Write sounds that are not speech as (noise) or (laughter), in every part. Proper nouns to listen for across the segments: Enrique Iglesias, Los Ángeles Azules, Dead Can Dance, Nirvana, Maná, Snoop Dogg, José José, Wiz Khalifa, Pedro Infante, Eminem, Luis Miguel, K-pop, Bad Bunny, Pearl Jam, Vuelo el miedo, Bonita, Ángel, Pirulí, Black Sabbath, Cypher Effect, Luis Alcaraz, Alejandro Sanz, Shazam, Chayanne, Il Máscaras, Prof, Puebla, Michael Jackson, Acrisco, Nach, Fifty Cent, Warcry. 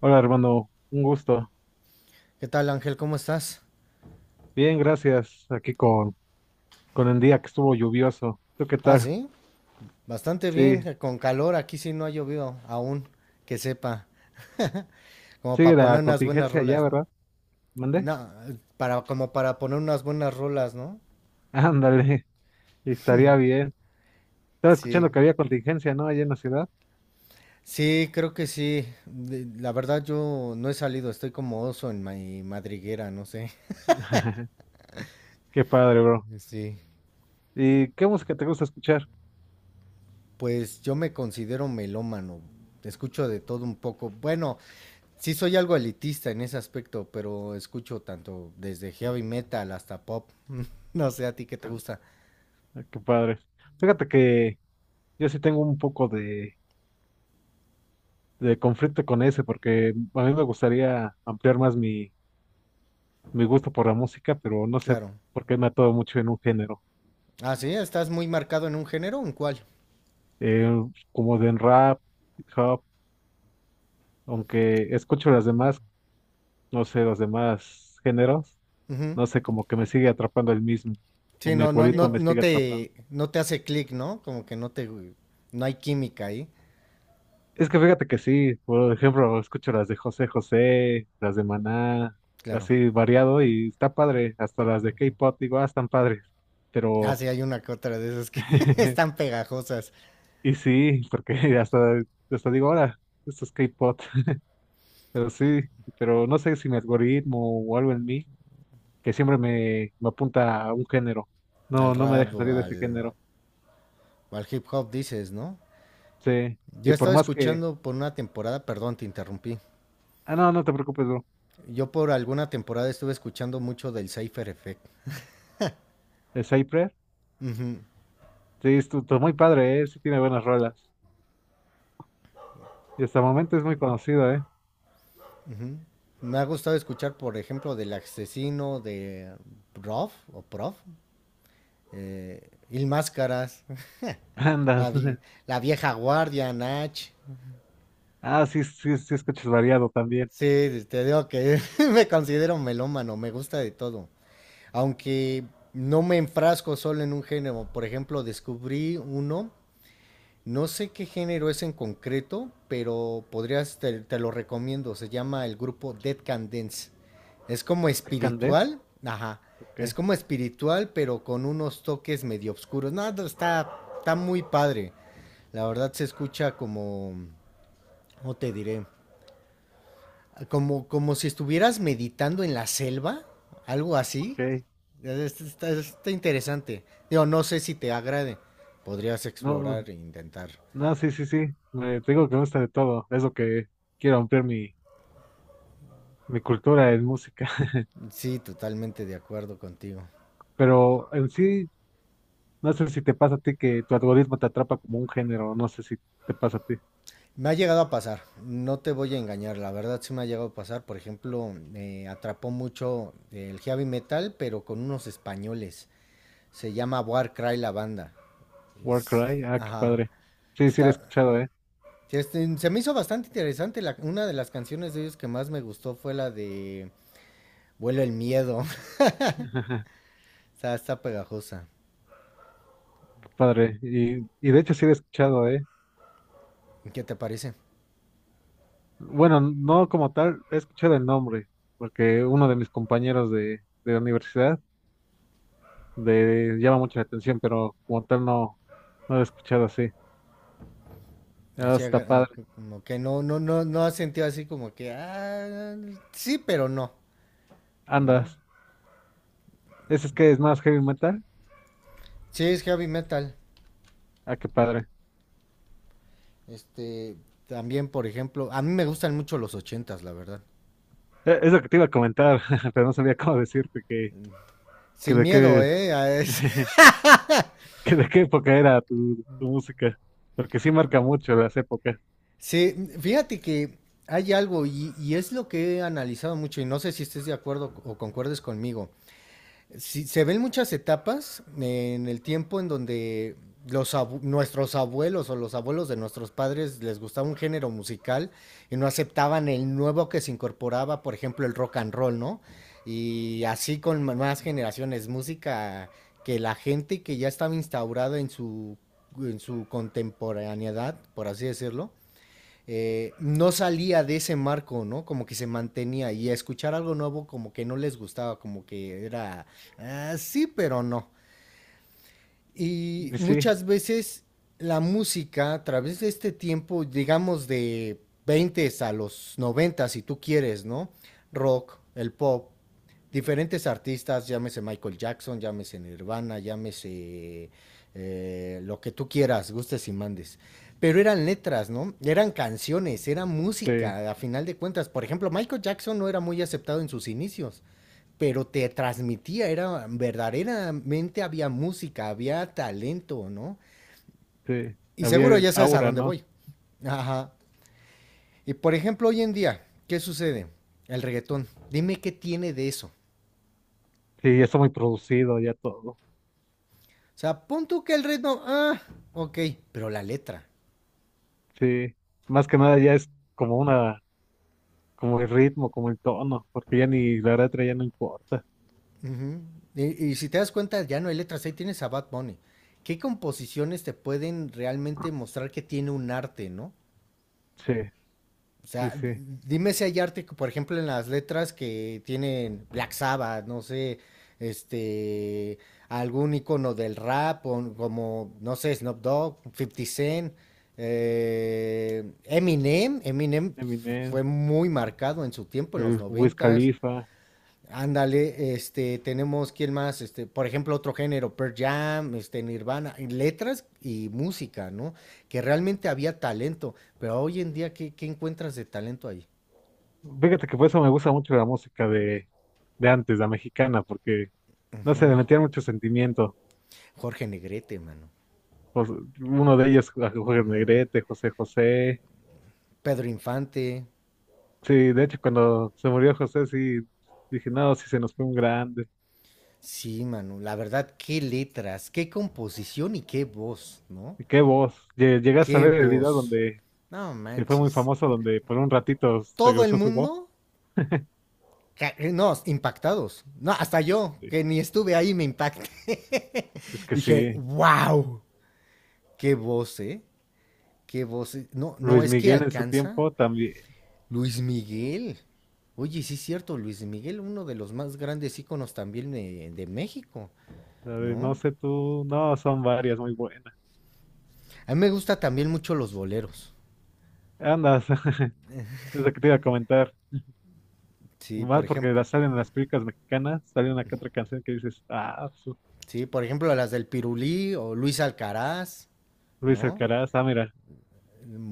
Hola, hermano, un gusto. ¿Qué tal, Ángel? ¿Cómo estás? Bien, gracias. Aquí con el día que estuvo lluvioso. ¿Tú qué Ah, tal? sí, bastante bien, Sí, con calor, aquí sí no ha llovido aún, que sepa, como sigue para poner la unas buenas contingencia allá, rolas, ¿no? ¿verdad? ¿Mandé? No, para, como para poner unas buenas rolas, ¿no? (laughs) Ándale, estaría bien. Estaba Sí, escuchando que había contingencia, ¿no? Allá en la ciudad. sí, creo que sí. La verdad yo no he salido, estoy como oso en mi madriguera, no sé. (laughs) Qué padre, bro. Sí, ¿Y qué música te gusta escuchar? pues yo me considero melómano, escucho de todo un poco. Bueno, sí soy algo elitista en ese aspecto, pero escucho tanto desde heavy metal hasta pop. (laughs) No sé a ti qué te Ah, gusta. qué padre. Fíjate que yo sí tengo un poco de conflicto con ese, porque a mí me gustaría ampliar más mi, mi gusto por la música, pero no sé Claro. por qué me atoro mucho en un género. Ah, sí, estás muy marcado en un género, ¿en cuál? eh, Como de en rap, hip hop, aunque escucho las demás, no sé, los demás géneros, Ujú. no sé, como que me sigue atrapando el mismo, o Sí, mi sí, no, no, no, algoritmo me no sigue atrapando. No te hace clic, ¿no? Como que no te, No hay química ahí. Es que fíjate que sí, por ejemplo, escucho las de José José, las de Maná, Claro. así variado y está padre, hasta las de K-pop, digo, ah, están padres, Ah, pero, sí, hay una que otra de esas que (laughs) (laughs) están pegajosas y sí, porque (laughs) hasta, hasta digo, ahora, esto es K-pop, (laughs) pero sí, pero no sé si mi algoritmo o algo en mí que siempre me, me apunta a un género. al No, no me ah, rap deja salir de claro, ese claro género. o al hip hop, dices, ¿no? Sí. Yo Y por estaba más que. escuchando por una temporada, perdón, te interrumpí. Ah, no, no te preocupes, bro. Yo por alguna temporada estuve escuchando mucho del Cypher Effect. El Cypher. Sí, es muy padre, ¿eh? Sí tiene buenas rolas. Y hasta el momento es muy conocido, ¿eh? Me ha gustado escuchar, por ejemplo, del asesino de Prof o Prof, Il Máscaras, (laughs) la, Andas. (laughs) vi- la vieja guardia, Nach. Ah, sí, sí, sí, escuchas variado también. Sí, te digo que (laughs) me considero melómano, me gusta de todo. Aunque no me enfrasco solo en un género, por ejemplo, descubrí uno. No sé qué género es en concreto, pero podrías, te lo recomiendo. Se llama el grupo Dead Can Dance. Es como Candé. espiritual, ajá. Es Ok, como espiritual, pero con unos toques medio oscuros. Nada, está muy padre. La verdad se escucha como, ¿cómo te diré? Como, como si estuvieras meditando en la selva, algo así. ok. Está, está interesante. Digo, no sé si te agrade. Podrías No, explorar e intentar. no, sí, sí, sí. Me, te digo que me gusta de todo. Es lo que quiero ampliar mi, mi cultura en música. (laughs) Sí, totalmente de acuerdo contigo. Pero en sí, no sé si te pasa a ti que tu algoritmo te atrapa como un género. No sé si te pasa a ti. Me ha llegado a pasar, no te voy a engañar, la verdad sí me ha llegado a pasar. Por ejemplo, me atrapó mucho el heavy metal, pero con unos españoles. Se llama Warcry la banda. Warcry, ah, qué Ajá. padre. Sí, sí lo he Está, escuchado, ¿eh? este, se me hizo bastante interesante. Una de las canciones de ellos que más me gustó fue la de Vuelo el miedo. (laughs) (laughs) Está, está pegajosa. Qué padre. Y de hecho sí lo he escuchado, ¿eh? ¿Qué te parece? Bueno, no como tal, he escuchado el nombre, porque uno de mis compañeros de la universidad le llama mucho la atención, pero como tal no, no lo he escuchado así. Ah, Así, está padre. como que no, no, no, no has sentido así como que, ah, sí, pero no, ¿no? Andas. ¿Ese es que es más heavy metal? Sí, es heavy metal. Ah, qué padre. Este, también, por ejemplo, a mí me gustan mucho los ochentas, la verdad. Es lo que te iba a comentar, (laughs) pero no sabía cómo decirte que Sin de miedo, qué, ¿eh? (laughs) (laughs) Que de qué época era tu, tu música, porque sí marca mucho las épocas. Sí, fíjate que hay algo y es lo que he analizado mucho y no sé si estés de acuerdo o concuerdes conmigo. Sí, se ven muchas etapas en el tiempo en donde nuestros abuelos o los abuelos de nuestros padres les gustaba un género musical y no aceptaban el nuevo que se incorporaba, por ejemplo, el rock and roll, ¿no? Y así con más generaciones, música que la gente que ya estaba instaurada en su contemporaneidad, por así decirlo, no salía de ese marco, ¿no? Como que se mantenía y a escuchar algo nuevo como que no les gustaba, como que era, ah, sí, pero no. Y Y sí, muchas veces la música, a través de este tiempo, digamos de 20 a los 90, si tú quieres, ¿no? Rock, el pop, diferentes artistas, llámese Michael Jackson, llámese Nirvana, llámese lo que tú quieras, gustes y mandes. Pero eran letras, ¿no? Eran canciones, era sí, música, a final de cuentas. Por ejemplo, Michael Jackson no era muy aceptado en sus inicios, pero te transmitía, era verdaderamente, había música, había talento, ¿no? sí, Y había seguro el ya sabes a aura, dónde ¿no? voy. Ajá. Y por ejemplo, hoy en día, ¿qué sucede? El reggaetón. Dime qué tiene de eso. Sí, ya está muy producido, ya todo. O sea, pon tú que el ritmo, ah, ok, pero la letra. Sí, más que nada ya es como una, como el ritmo, como el tono, porque ya ni la letra ya no importa. Ujú. Y, y si te das cuenta, ya no hay letras, ahí tienes a Bad Bunny. ¿Qué composiciones te pueden realmente mostrar que tiene un arte, no? Sí, O sí, sea, sí. dime si hay arte, por ejemplo, en las letras que tienen Black Sabbath, no sé, este, algún icono del rap, o como, no sé, Snoop Dogg, Fifty Cent, Eminem. Eminem Eminem, fue muy marcado en su tiempo, en los el Wiz noventas. Khalifa. Ándale, este, tenemos quién más, este, por ejemplo, otro género, Pearl Jam, este, Nirvana, en letras y música, ¿no? Que realmente había talento, pero hoy en día, ¿qué, qué encuentras de talento ahí? Fíjate que por eso me gusta mucho la música de antes, la mexicana, porque no sé, le metían mucho sentimiento. Jorge Negrete, mano. Jos- Uno de ellos, ah, Jorge Negrete, José José. Pedro Infante, Sí, de hecho, cuando se murió José, sí, dije, no, sí se nos fue un grande. sí, mano. La verdad, qué letras, qué composición y qué voz, ¿no? ¿Y qué voz? ¿Llegaste a Qué ver el video voz. donde No que fue muy manches. famoso, donde por un ratito Todo el regresó su voz? mundo. No, impactados. No, hasta yo, Sí. que ni estuve ahí, me impacté. (laughs) Es que Dije, sí, wow, qué voz, ¿eh? Qué voz. Eh. No, no, Luis es que Miguel en su alcanza tiempo también. Luis Miguel. Oye, sí es cierto, Luis Miguel, uno de los más grandes íconos también de México, A ver, no ¿no? sé tú, no, son varias muy buenas. A mí me gusta también mucho los boleros. Andas, (laughs) es lo que te iba a comentar. Sí, por Más porque ejemplo, las salen en las películas mexicanas, sale una que otra canción que dices, ah, su- sí, por ejemplo, las del Pirulí o Luis Alcaraz, Luis ¿no? Alcaraz, ah, mira.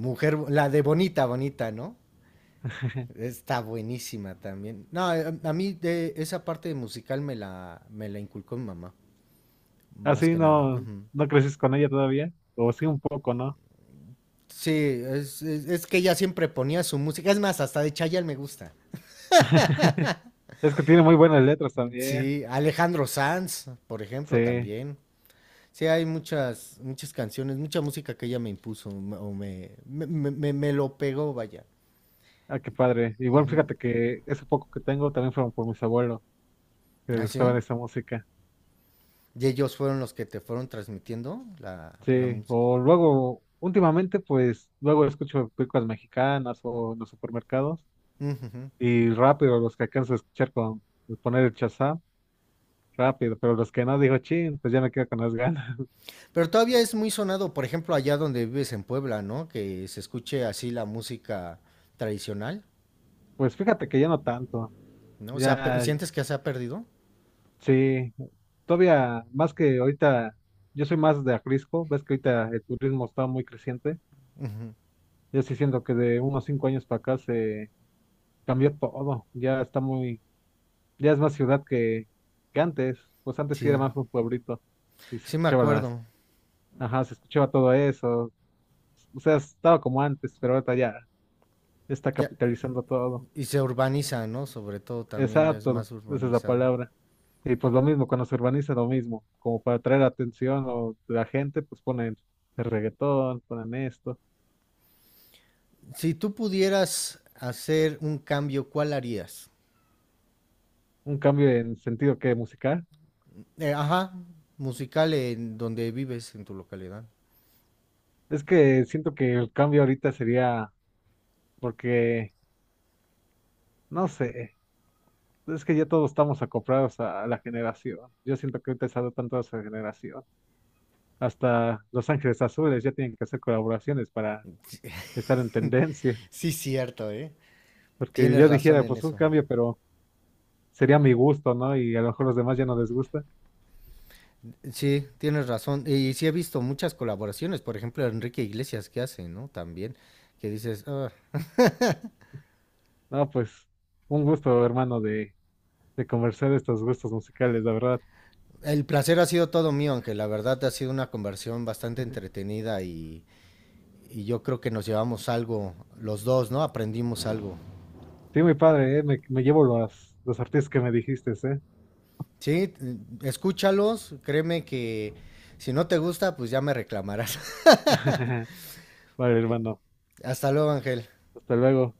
Mujer, la de Bonita, Bonita, ¿no? (laughs) Está buenísima también. No, a mí de esa parte musical me la inculcó mi mamá, más Así que nada. no, Ajá. no creces con ella todavía, o sí un poco, ¿no? Sí, es que ella siempre ponía su música. Es más, hasta de Chayanne me gusta. (laughs) Es que tiene muy buenas letras también. Sí, Alejandro Sanz, por ejemplo, Sí. también. Sí, hay muchas, muchas canciones, mucha música que ella me impuso m- o me- me- me lo pegó, vaya. Ah, qué padre. Igual fíjate que ese poco que tengo también fueron por mis abuelos, que les ¿Ah, sí? gustaba esa música. Y ellos fueron los que te fueron transmitiendo la, la Sí, música. o luego, últimamente, pues, luego escucho películas mexicanas o en los supermercados y rápido los que alcanzo a escuchar con poner el Shazam, rápido, pero los que no digo, chin, pues ya me quedo con las (laughs) ganas. Pero todavía es muy sonado, por ejemplo, allá donde vives en Puebla, ¿no? Que se escuche así la música tradicional, Pues fíjate que ya no tanto, ¿no? O sea, ya, ¿sientes que se ha perdido? sí, todavía más que ahorita, yo soy más de Acrisco, ves que ahorita el turismo está muy creciente. Yo sí siento que de unos 5 años para acá se cambió todo, ya está muy, ya es más ciudad que antes, pues antes sí era Sí, más un pueblito y se sí me escuchaba las, acuerdo. ajá, se escuchaba todo eso, o sea, estaba como antes, pero ahorita ya está Ya, capitalizando todo, y se urbaniza, ¿no? Sobre todo también ya es exacto, más esa es la urbanizado. palabra. Y pues lo mismo, cuando se urbaniza lo mismo, como para atraer atención o la gente, pues ponen el reggaetón, ponen esto, Si tú pudieras hacer un cambio, ¿cuál harías? un cambio en sentido que musical. Ajá, musical en donde vives, en tu localidad. Es que siento que el cambio ahorita sería porque, no sé. Pues, es que ya todos estamos acomprados a, la generación. Yo siento que ahorita se ha dado tanto a esa generación. Hasta Los Ángeles Azules ya tienen que hacer colaboraciones para estar en tendencia. Sí, cierto, ¿eh? Porque Tienes yo dijera, razón en pues un eso. cambio, pero sería mi gusto, ¿no? Y a lo mejor los demás ya no les gusta. Sí, tienes razón. Y sí he visto muchas colaboraciones, por ejemplo, Enrique Iglesias que hace, ¿no? También, que dices, "Ah, No, pues un gusto, hermano, de conversar de estos gustos musicales, la verdad. el placer ha sido todo mío", aunque la verdad ha sido una conversión bastante entretenida y yo creo que nos llevamos algo, los dos, ¿no? Aprendimos algo. Sí, muy padre, ¿eh? Me llevo los artistas que me dijiste, ¿eh? Sí, escúchalos, créeme que si no te gusta, pues ya me reclamarás. (laughs) Vale, (laughs) hermano. Hasta luego, Ángel. Hasta luego.